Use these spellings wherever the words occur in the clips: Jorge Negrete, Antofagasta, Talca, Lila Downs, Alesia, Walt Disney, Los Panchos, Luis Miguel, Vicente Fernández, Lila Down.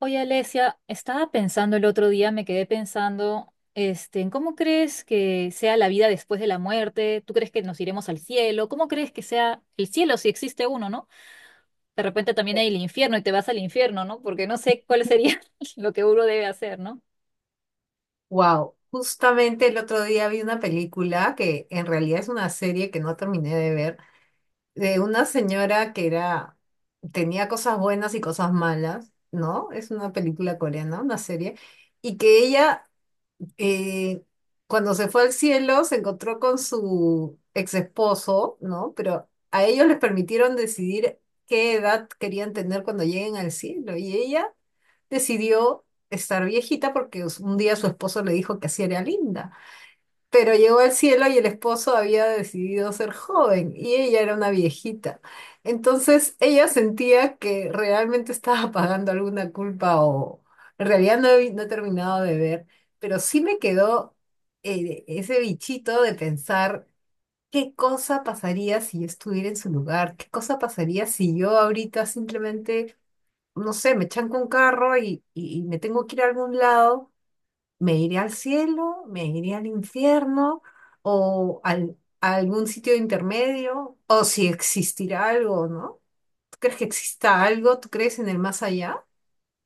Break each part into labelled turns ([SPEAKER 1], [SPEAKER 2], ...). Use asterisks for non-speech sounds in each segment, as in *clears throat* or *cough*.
[SPEAKER 1] Oye, Alesia, estaba pensando el otro día, me quedé pensando, en cómo crees que sea la vida después de la muerte. ¿Tú crees que nos iremos al cielo? ¿Cómo crees que sea el cielo si existe uno, no? De repente también hay el infierno y te vas al infierno, ¿no? Porque no sé cuál sería *laughs* lo que uno debe hacer, ¿no?
[SPEAKER 2] Wow, justamente el otro día vi una película que en realidad es una serie que no terminé de ver, de una señora que era, tenía cosas buenas y cosas malas, ¿no? Es una película coreana, una serie, y que ella eh, cuando se fue al cielo se encontró con su ex esposo, ¿no? Pero a ellos les permitieron decidir qué edad querían tener cuando lleguen al cielo, y ella decidió estar viejita porque un día su esposo le dijo que así era linda. Pero llegó al cielo y el esposo había decidido ser joven y ella era una viejita. Entonces ella sentía que realmente estaba pagando alguna culpa o en realidad no he terminado de ver, pero sí me quedó ese bichito de pensar. ¿Qué cosa pasaría si yo estuviera en su lugar? ¿Qué cosa pasaría si yo ahorita simplemente no sé, me chanco un carro y me tengo que ir a algún lado, me iré al cielo, me iré al infierno o a algún sitio intermedio, o si existirá algo, ¿no? ¿Tú crees que exista algo? ¿Tú crees en el más allá?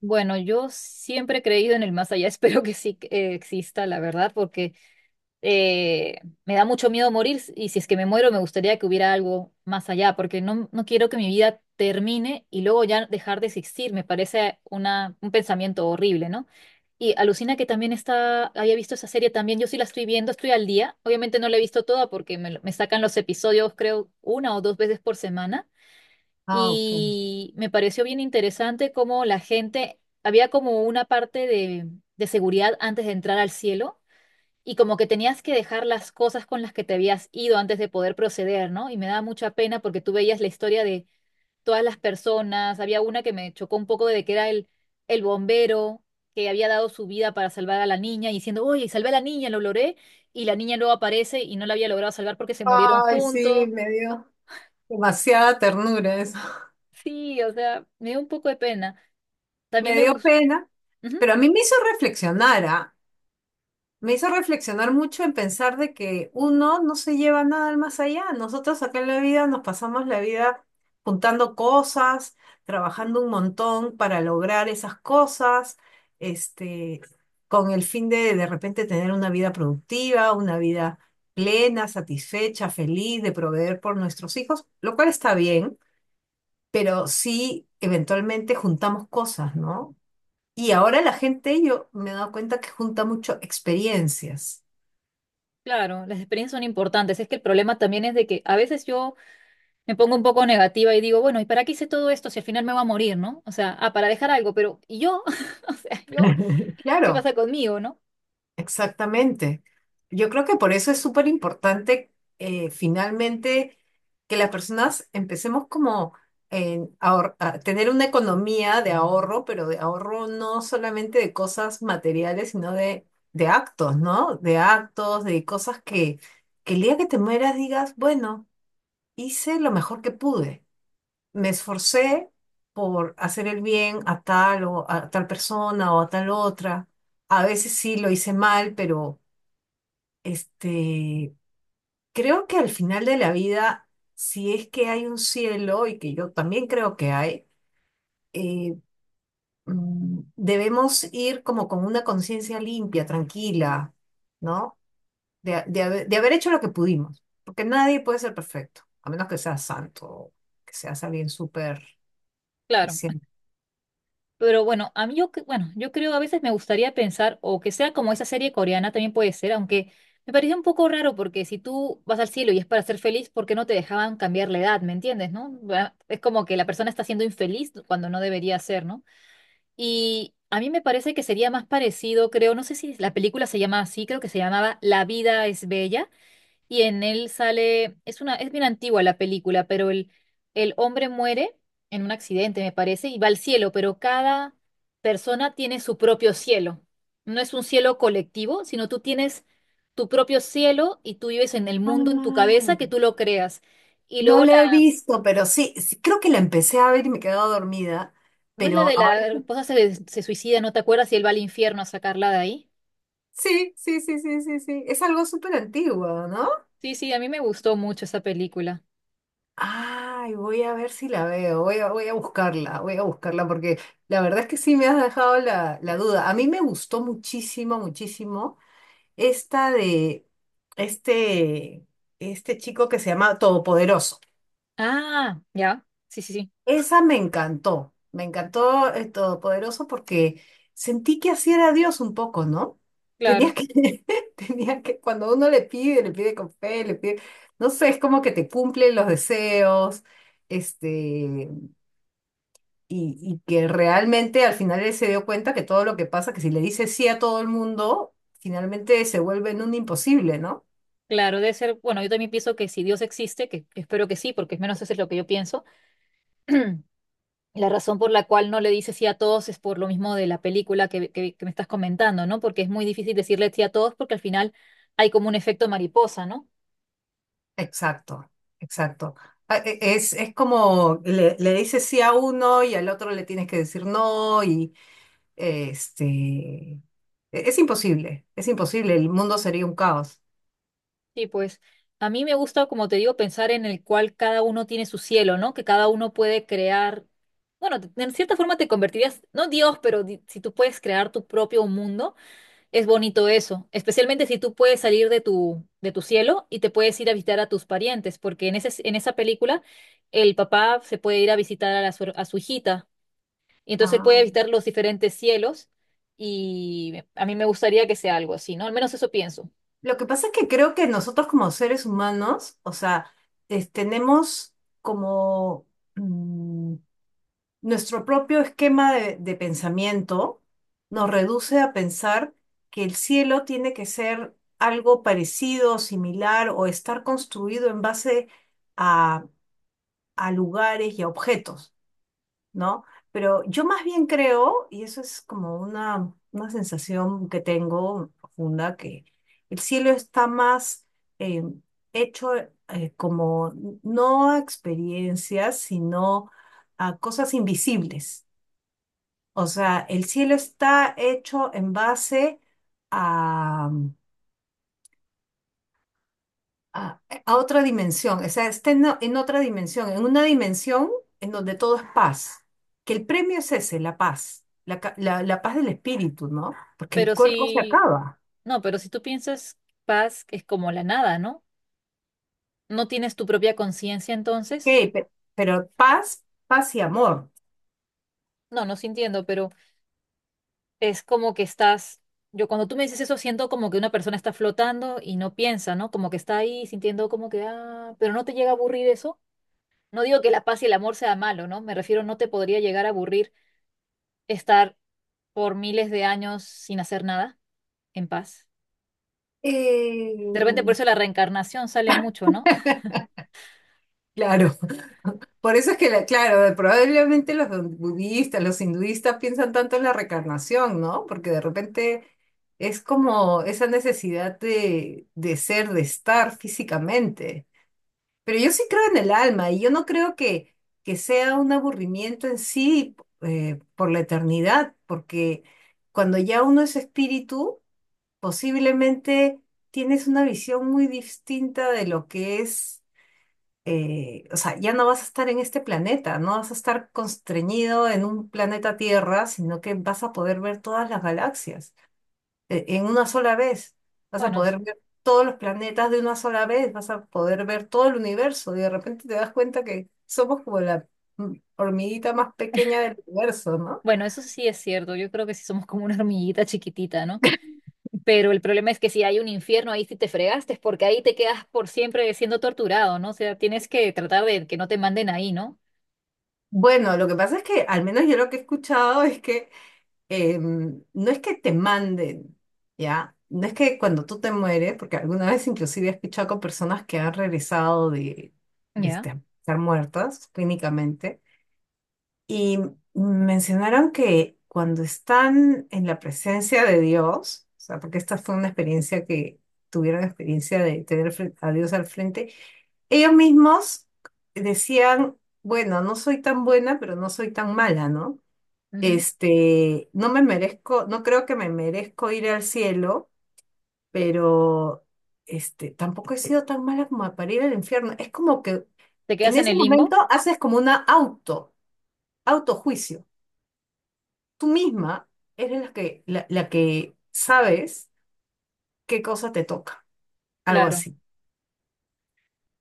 [SPEAKER 1] Bueno, yo siempre he creído en el más allá, *laughs* espero que sí exista, la verdad, porque me da mucho miedo morir, y si es que me muero me gustaría que hubiera algo más allá, porque no quiero que mi vida termine y luego ya dejar de existir. Me parece un pensamiento horrible, ¿no? Y alucina que también está, había visto esa serie también. Yo sí la estoy viendo, estoy al día, obviamente no la he visto toda porque me sacan los episodios creo una o dos veces por semana,
[SPEAKER 2] Ah, ok.
[SPEAKER 1] y me pareció bien interesante cómo la gente, había como una parte de seguridad antes de entrar al cielo, y como que tenías que dejar las cosas con las que te habías ido antes de poder proceder, ¿no? Y me daba mucha pena porque tú veías la historia de todas las personas. Había una que me chocó un poco, de que era el bombero que había dado su vida para salvar a la niña, y diciendo, oye, salvé a la niña, lo logré, y la niña luego aparece y no la había logrado salvar porque se murieron
[SPEAKER 2] Ay, sí,
[SPEAKER 1] juntos.
[SPEAKER 2] me dio demasiada ternura eso. *laughs*
[SPEAKER 1] Sí, o sea, me dio un poco de pena. También
[SPEAKER 2] Me
[SPEAKER 1] me
[SPEAKER 2] dio
[SPEAKER 1] gustó,
[SPEAKER 2] pena, pero a mí me hizo reflexionar, ¿ah? Me hizo reflexionar mucho en pensar de que uno no se lleva nada al más allá. Nosotros acá en la vida nos pasamos la vida juntando cosas, trabajando un montón para lograr esas cosas, este, con el fin de repente tener una vida productiva, una vida plena, satisfecha, feliz, de proveer por nuestros hijos, lo cual está bien, pero sí eventualmente juntamos cosas, ¿no? Y ahora la gente, yo me he dado cuenta que junta mucho experiencias.
[SPEAKER 1] claro, las experiencias son importantes. Es que el problema también es de que a veces yo... me pongo un poco negativa y digo, bueno, ¿y para qué hice todo esto si al final me voy a morir, ¿no? O sea, ah, para dejar algo, pero ¿y yo? *laughs* O sea, ¿yo?
[SPEAKER 2] *laughs*
[SPEAKER 1] ¿Qué
[SPEAKER 2] Claro,
[SPEAKER 1] pasa conmigo, no?
[SPEAKER 2] exactamente. Yo creo que por eso es súper importante finalmente que las personas empecemos como a tener una economía de ahorro, pero de ahorro no solamente de cosas materiales, sino de actos, ¿no? De actos, de cosas que el día que te mueras digas, bueno, hice lo mejor que pude, me esforcé por hacer el bien a tal o a tal persona o a tal otra. A veces sí lo hice mal, pero este, creo que al final de la vida, si es que hay un cielo, y que yo también creo que hay, eh, debemos ir como con una conciencia limpia, tranquila, ¿no? De haber hecho lo que pudimos, porque nadie puede ser perfecto, a menos que sea santo, que seas alguien súper
[SPEAKER 1] Claro.
[SPEAKER 2] especial.
[SPEAKER 1] Pero bueno, a mí bueno, yo creo a veces me gustaría pensar, o que sea como esa serie coreana también, puede ser, aunque me pareció un poco raro, porque si tú vas al cielo y es para ser feliz, ¿por qué no te dejaban cambiar la edad, ¿me entiendes, no? Bueno, es como que la persona está siendo infeliz cuando no debería ser, ¿no? Y a mí me parece que sería más parecido, creo, no sé si la película se llama así, creo que se llamaba La vida es bella, y en él sale, es bien antigua la película, pero el hombre muere en un accidente, me parece, y va al cielo, pero cada persona tiene su propio cielo. No es un cielo colectivo, sino tú tienes tu propio cielo, y tú vives en el mundo, en tu cabeza,
[SPEAKER 2] Ay,
[SPEAKER 1] que tú lo creas. Y
[SPEAKER 2] no
[SPEAKER 1] luego
[SPEAKER 2] la he visto, pero sí, sí, creo que la empecé a ver y me he quedado dormida,
[SPEAKER 1] ¿no es la
[SPEAKER 2] pero
[SPEAKER 1] de
[SPEAKER 2] ahora...
[SPEAKER 1] la esposa se suicida, no te acuerdas? Y él va al infierno a sacarla de ahí.
[SPEAKER 2] Sí, sí, sí, sí, sí, sí. Es algo súper antiguo, ¿no?
[SPEAKER 1] Sí, sí, a mí me gustó mucho esa película.
[SPEAKER 2] Ay, voy a ver si la veo, voy a, voy a buscarla porque la verdad es que sí me has dejado la, la duda. A mí me gustó muchísimo, muchísimo esta de este, este chico que se llama Todopoderoso.
[SPEAKER 1] Ah, ya, sí, sí, sí,
[SPEAKER 2] Esa me encantó el Todopoderoso porque sentí que así era Dios un poco, ¿no?
[SPEAKER 1] claro.
[SPEAKER 2] Tenía que, *laughs* tenía que, cuando uno le pide con fe, le pide, no sé, es como que te cumplen los deseos, este, y que realmente al final él se dio cuenta que todo lo que pasa, que si le dice sí a todo el mundo, finalmente se vuelve en un imposible, ¿no?
[SPEAKER 1] Claro, debe ser, bueno, yo también pienso que si Dios existe, que espero que sí, porque al menos eso es lo que yo pienso. *clears throat* La razón por la cual no le dice sí a todos es por lo mismo de la película que me estás comentando, ¿no? Porque es muy difícil decirle sí a todos, porque al final hay como un efecto mariposa, ¿no?
[SPEAKER 2] Exacto, exacto. Es como le dices sí a uno y al otro le tienes que decir no y este e- es imposible, el mundo sería un caos.
[SPEAKER 1] Sí, pues a mí me gusta, como te digo, pensar en el cual cada uno tiene su cielo, ¿no? Que cada uno puede crear, bueno, de cierta forma te convertirías, no Dios, pero si tú puedes crear tu propio mundo. Es bonito eso, especialmente si tú puedes salir de de tu cielo y te puedes ir a visitar a tus parientes, porque en en esa película el papá se puede ir a visitar a, a su hijita, y entonces puede
[SPEAKER 2] Ah.
[SPEAKER 1] visitar los diferentes cielos, y a mí me gustaría que sea algo así, ¿no? Al menos eso pienso.
[SPEAKER 2] Lo que pasa es que creo que nosotros como seres humanos, o sea, tenemos como mm, nuestro propio esquema de pensamiento nos reduce a pensar que el cielo tiene que ser algo parecido, similar o estar construido en base a, a lugares y a objetos, ¿no? Pero yo más bien creo, y eso es como una sensación que tengo profunda, que el cielo está más eh, hecho como no a experiencias, sino a cosas invisibles. O sea, el cielo está hecho en base a, a, a otra dimensión, o sea, está en, en otra dimensión, en una dimensión en donde todo es paz, que el premio es ese, la paz, la paz del espíritu, ¿no? Porque el
[SPEAKER 1] Pero
[SPEAKER 2] cuerpo se
[SPEAKER 1] si,
[SPEAKER 2] acaba,
[SPEAKER 1] no, pero si tú piensas, paz es como la nada, ¿no? ¿No tienes tu propia conciencia entonces?
[SPEAKER 2] ok, pe- pero, paz, paz y amor.
[SPEAKER 1] No, no sintiendo pero... es como que estás, yo cuando tú me dices eso siento como que una persona está flotando y no piensa, ¿no? Como que está ahí sintiendo como que, ah, pero no te llega a aburrir eso. No digo que la paz y el amor sea malo, ¿no? Me refiero, no te podría llegar a aburrir estar por miles de años sin hacer nada, en paz.
[SPEAKER 2] Eh,
[SPEAKER 1] De repente por eso la reencarnación sale mucho, ¿no?
[SPEAKER 2] Claro, *laughs* por eso es que, claro, probablemente los budistas, los hinduistas piensan tanto en la reencarnación, ¿no? Porque de repente es como esa necesidad de ser, de estar físicamente. Pero yo sí creo en el alma y yo no creo que sea un aburrimiento en sí por la eternidad, porque cuando ya uno es espíritu, posiblemente tienes una visión muy distinta de lo que es o sea, ya no vas a estar en este planeta, no vas a estar constreñido en un planeta Tierra, sino que vas a poder ver todas las galaxias en una sola vez. Vas a
[SPEAKER 1] Bueno, s-
[SPEAKER 2] poder ver todos los planetas de una sola vez, vas a poder ver todo el universo y de repente te das cuenta que somos como la hormiguita más pequeña del universo, ¿no?
[SPEAKER 1] bueno, eso sí es cierto. Yo creo que sí somos como una hormiguita chiquitita, ¿no? Pero el problema es que si hay un infierno, ahí sí te fregaste, porque ahí te quedas por siempre siendo torturado, ¿no? O sea, tienes que tratar de que no te manden ahí, ¿no?
[SPEAKER 2] Bueno, lo que pasa es que al menos yo lo que he escuchado es que no es que te manden, ¿ya? No es que cuando tú te mueres, porque alguna vez inclusive he escuchado con personas que han regresado de,
[SPEAKER 1] Ya.
[SPEAKER 2] estar muertas clínicamente, y mencionaron que cuando están en la presencia de Dios, o sea, porque esta fue una experiencia que tuvieron la experiencia de tener a Dios al frente, ellos mismos decían, bueno, no soy tan buena, pero no soy tan mala, ¿no?
[SPEAKER 1] Ujú.
[SPEAKER 2] Este, no me merezco, no creo que me merezco ir al cielo, pero este, tampoco he sido tan mala como para ir al infierno. Es como que
[SPEAKER 1] ¿Te
[SPEAKER 2] en
[SPEAKER 1] quedas en
[SPEAKER 2] ese
[SPEAKER 1] el
[SPEAKER 2] momento
[SPEAKER 1] limbo?
[SPEAKER 2] haces como una auto, autojuicio. Tú misma eres la que, la que sabes qué cosa te toca, algo
[SPEAKER 1] Claro.
[SPEAKER 2] así,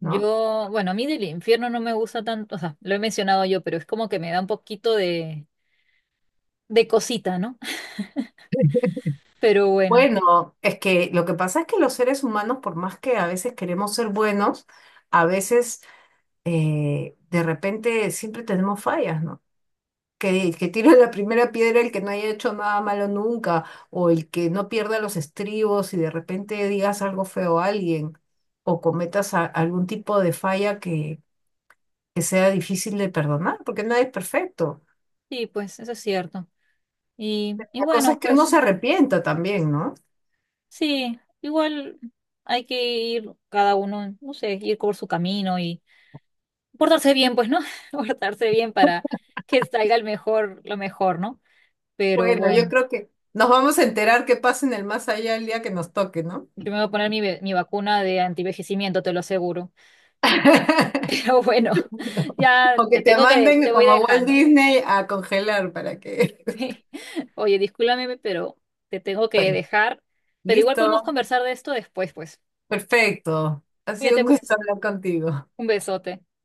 [SPEAKER 2] ¿no?
[SPEAKER 1] Yo, bueno, a mí del infierno no me gusta tanto, o sea, lo he mencionado yo, pero es como que me da un poquito de cosita, ¿no? *laughs* Pero bueno,
[SPEAKER 2] Bueno, es que lo que pasa es que los seres humanos, por más que a veces queremos ser buenos, a veces de repente siempre tenemos fallas, ¿no? Que tire la primera piedra el que no haya hecho nada malo nunca, o el que no pierda los estribos y de repente digas algo feo a alguien, o cometas algún tipo de falla que sea difícil de perdonar, porque nadie es perfecto.
[SPEAKER 1] sí, pues eso es cierto. Y
[SPEAKER 2] La cosa
[SPEAKER 1] bueno,
[SPEAKER 2] es que uno
[SPEAKER 1] pues
[SPEAKER 2] se arrepienta también, ¿no?
[SPEAKER 1] sí, igual hay que ir cada uno, no sé, ir por su camino y portarse bien, pues, ¿no? *laughs* Portarse bien para que salga el mejor, lo mejor, ¿no? Pero
[SPEAKER 2] Bueno, yo
[SPEAKER 1] bueno,
[SPEAKER 2] creo que nos vamos a enterar qué pasa en el más allá el día que nos toque, ¿no?
[SPEAKER 1] yo me voy a poner mi vacuna de antivejecimiento, te lo aseguro. *laughs* Pero bueno,
[SPEAKER 2] O
[SPEAKER 1] ya
[SPEAKER 2] que
[SPEAKER 1] te
[SPEAKER 2] te
[SPEAKER 1] tengo
[SPEAKER 2] manden
[SPEAKER 1] te voy
[SPEAKER 2] como a Walt
[SPEAKER 1] dejando. *laughs*
[SPEAKER 2] Disney a congelar para que... *laughs*
[SPEAKER 1] Sí. Oye, discúlpame, pero te tengo que
[SPEAKER 2] Bueno,
[SPEAKER 1] dejar. Pero igual podemos
[SPEAKER 2] listo,
[SPEAKER 1] conversar de esto después, pues.
[SPEAKER 2] perfecto. Ha sido
[SPEAKER 1] Cuídate,
[SPEAKER 2] un gusto
[SPEAKER 1] pues.
[SPEAKER 2] hablar contigo.
[SPEAKER 1] Un besote.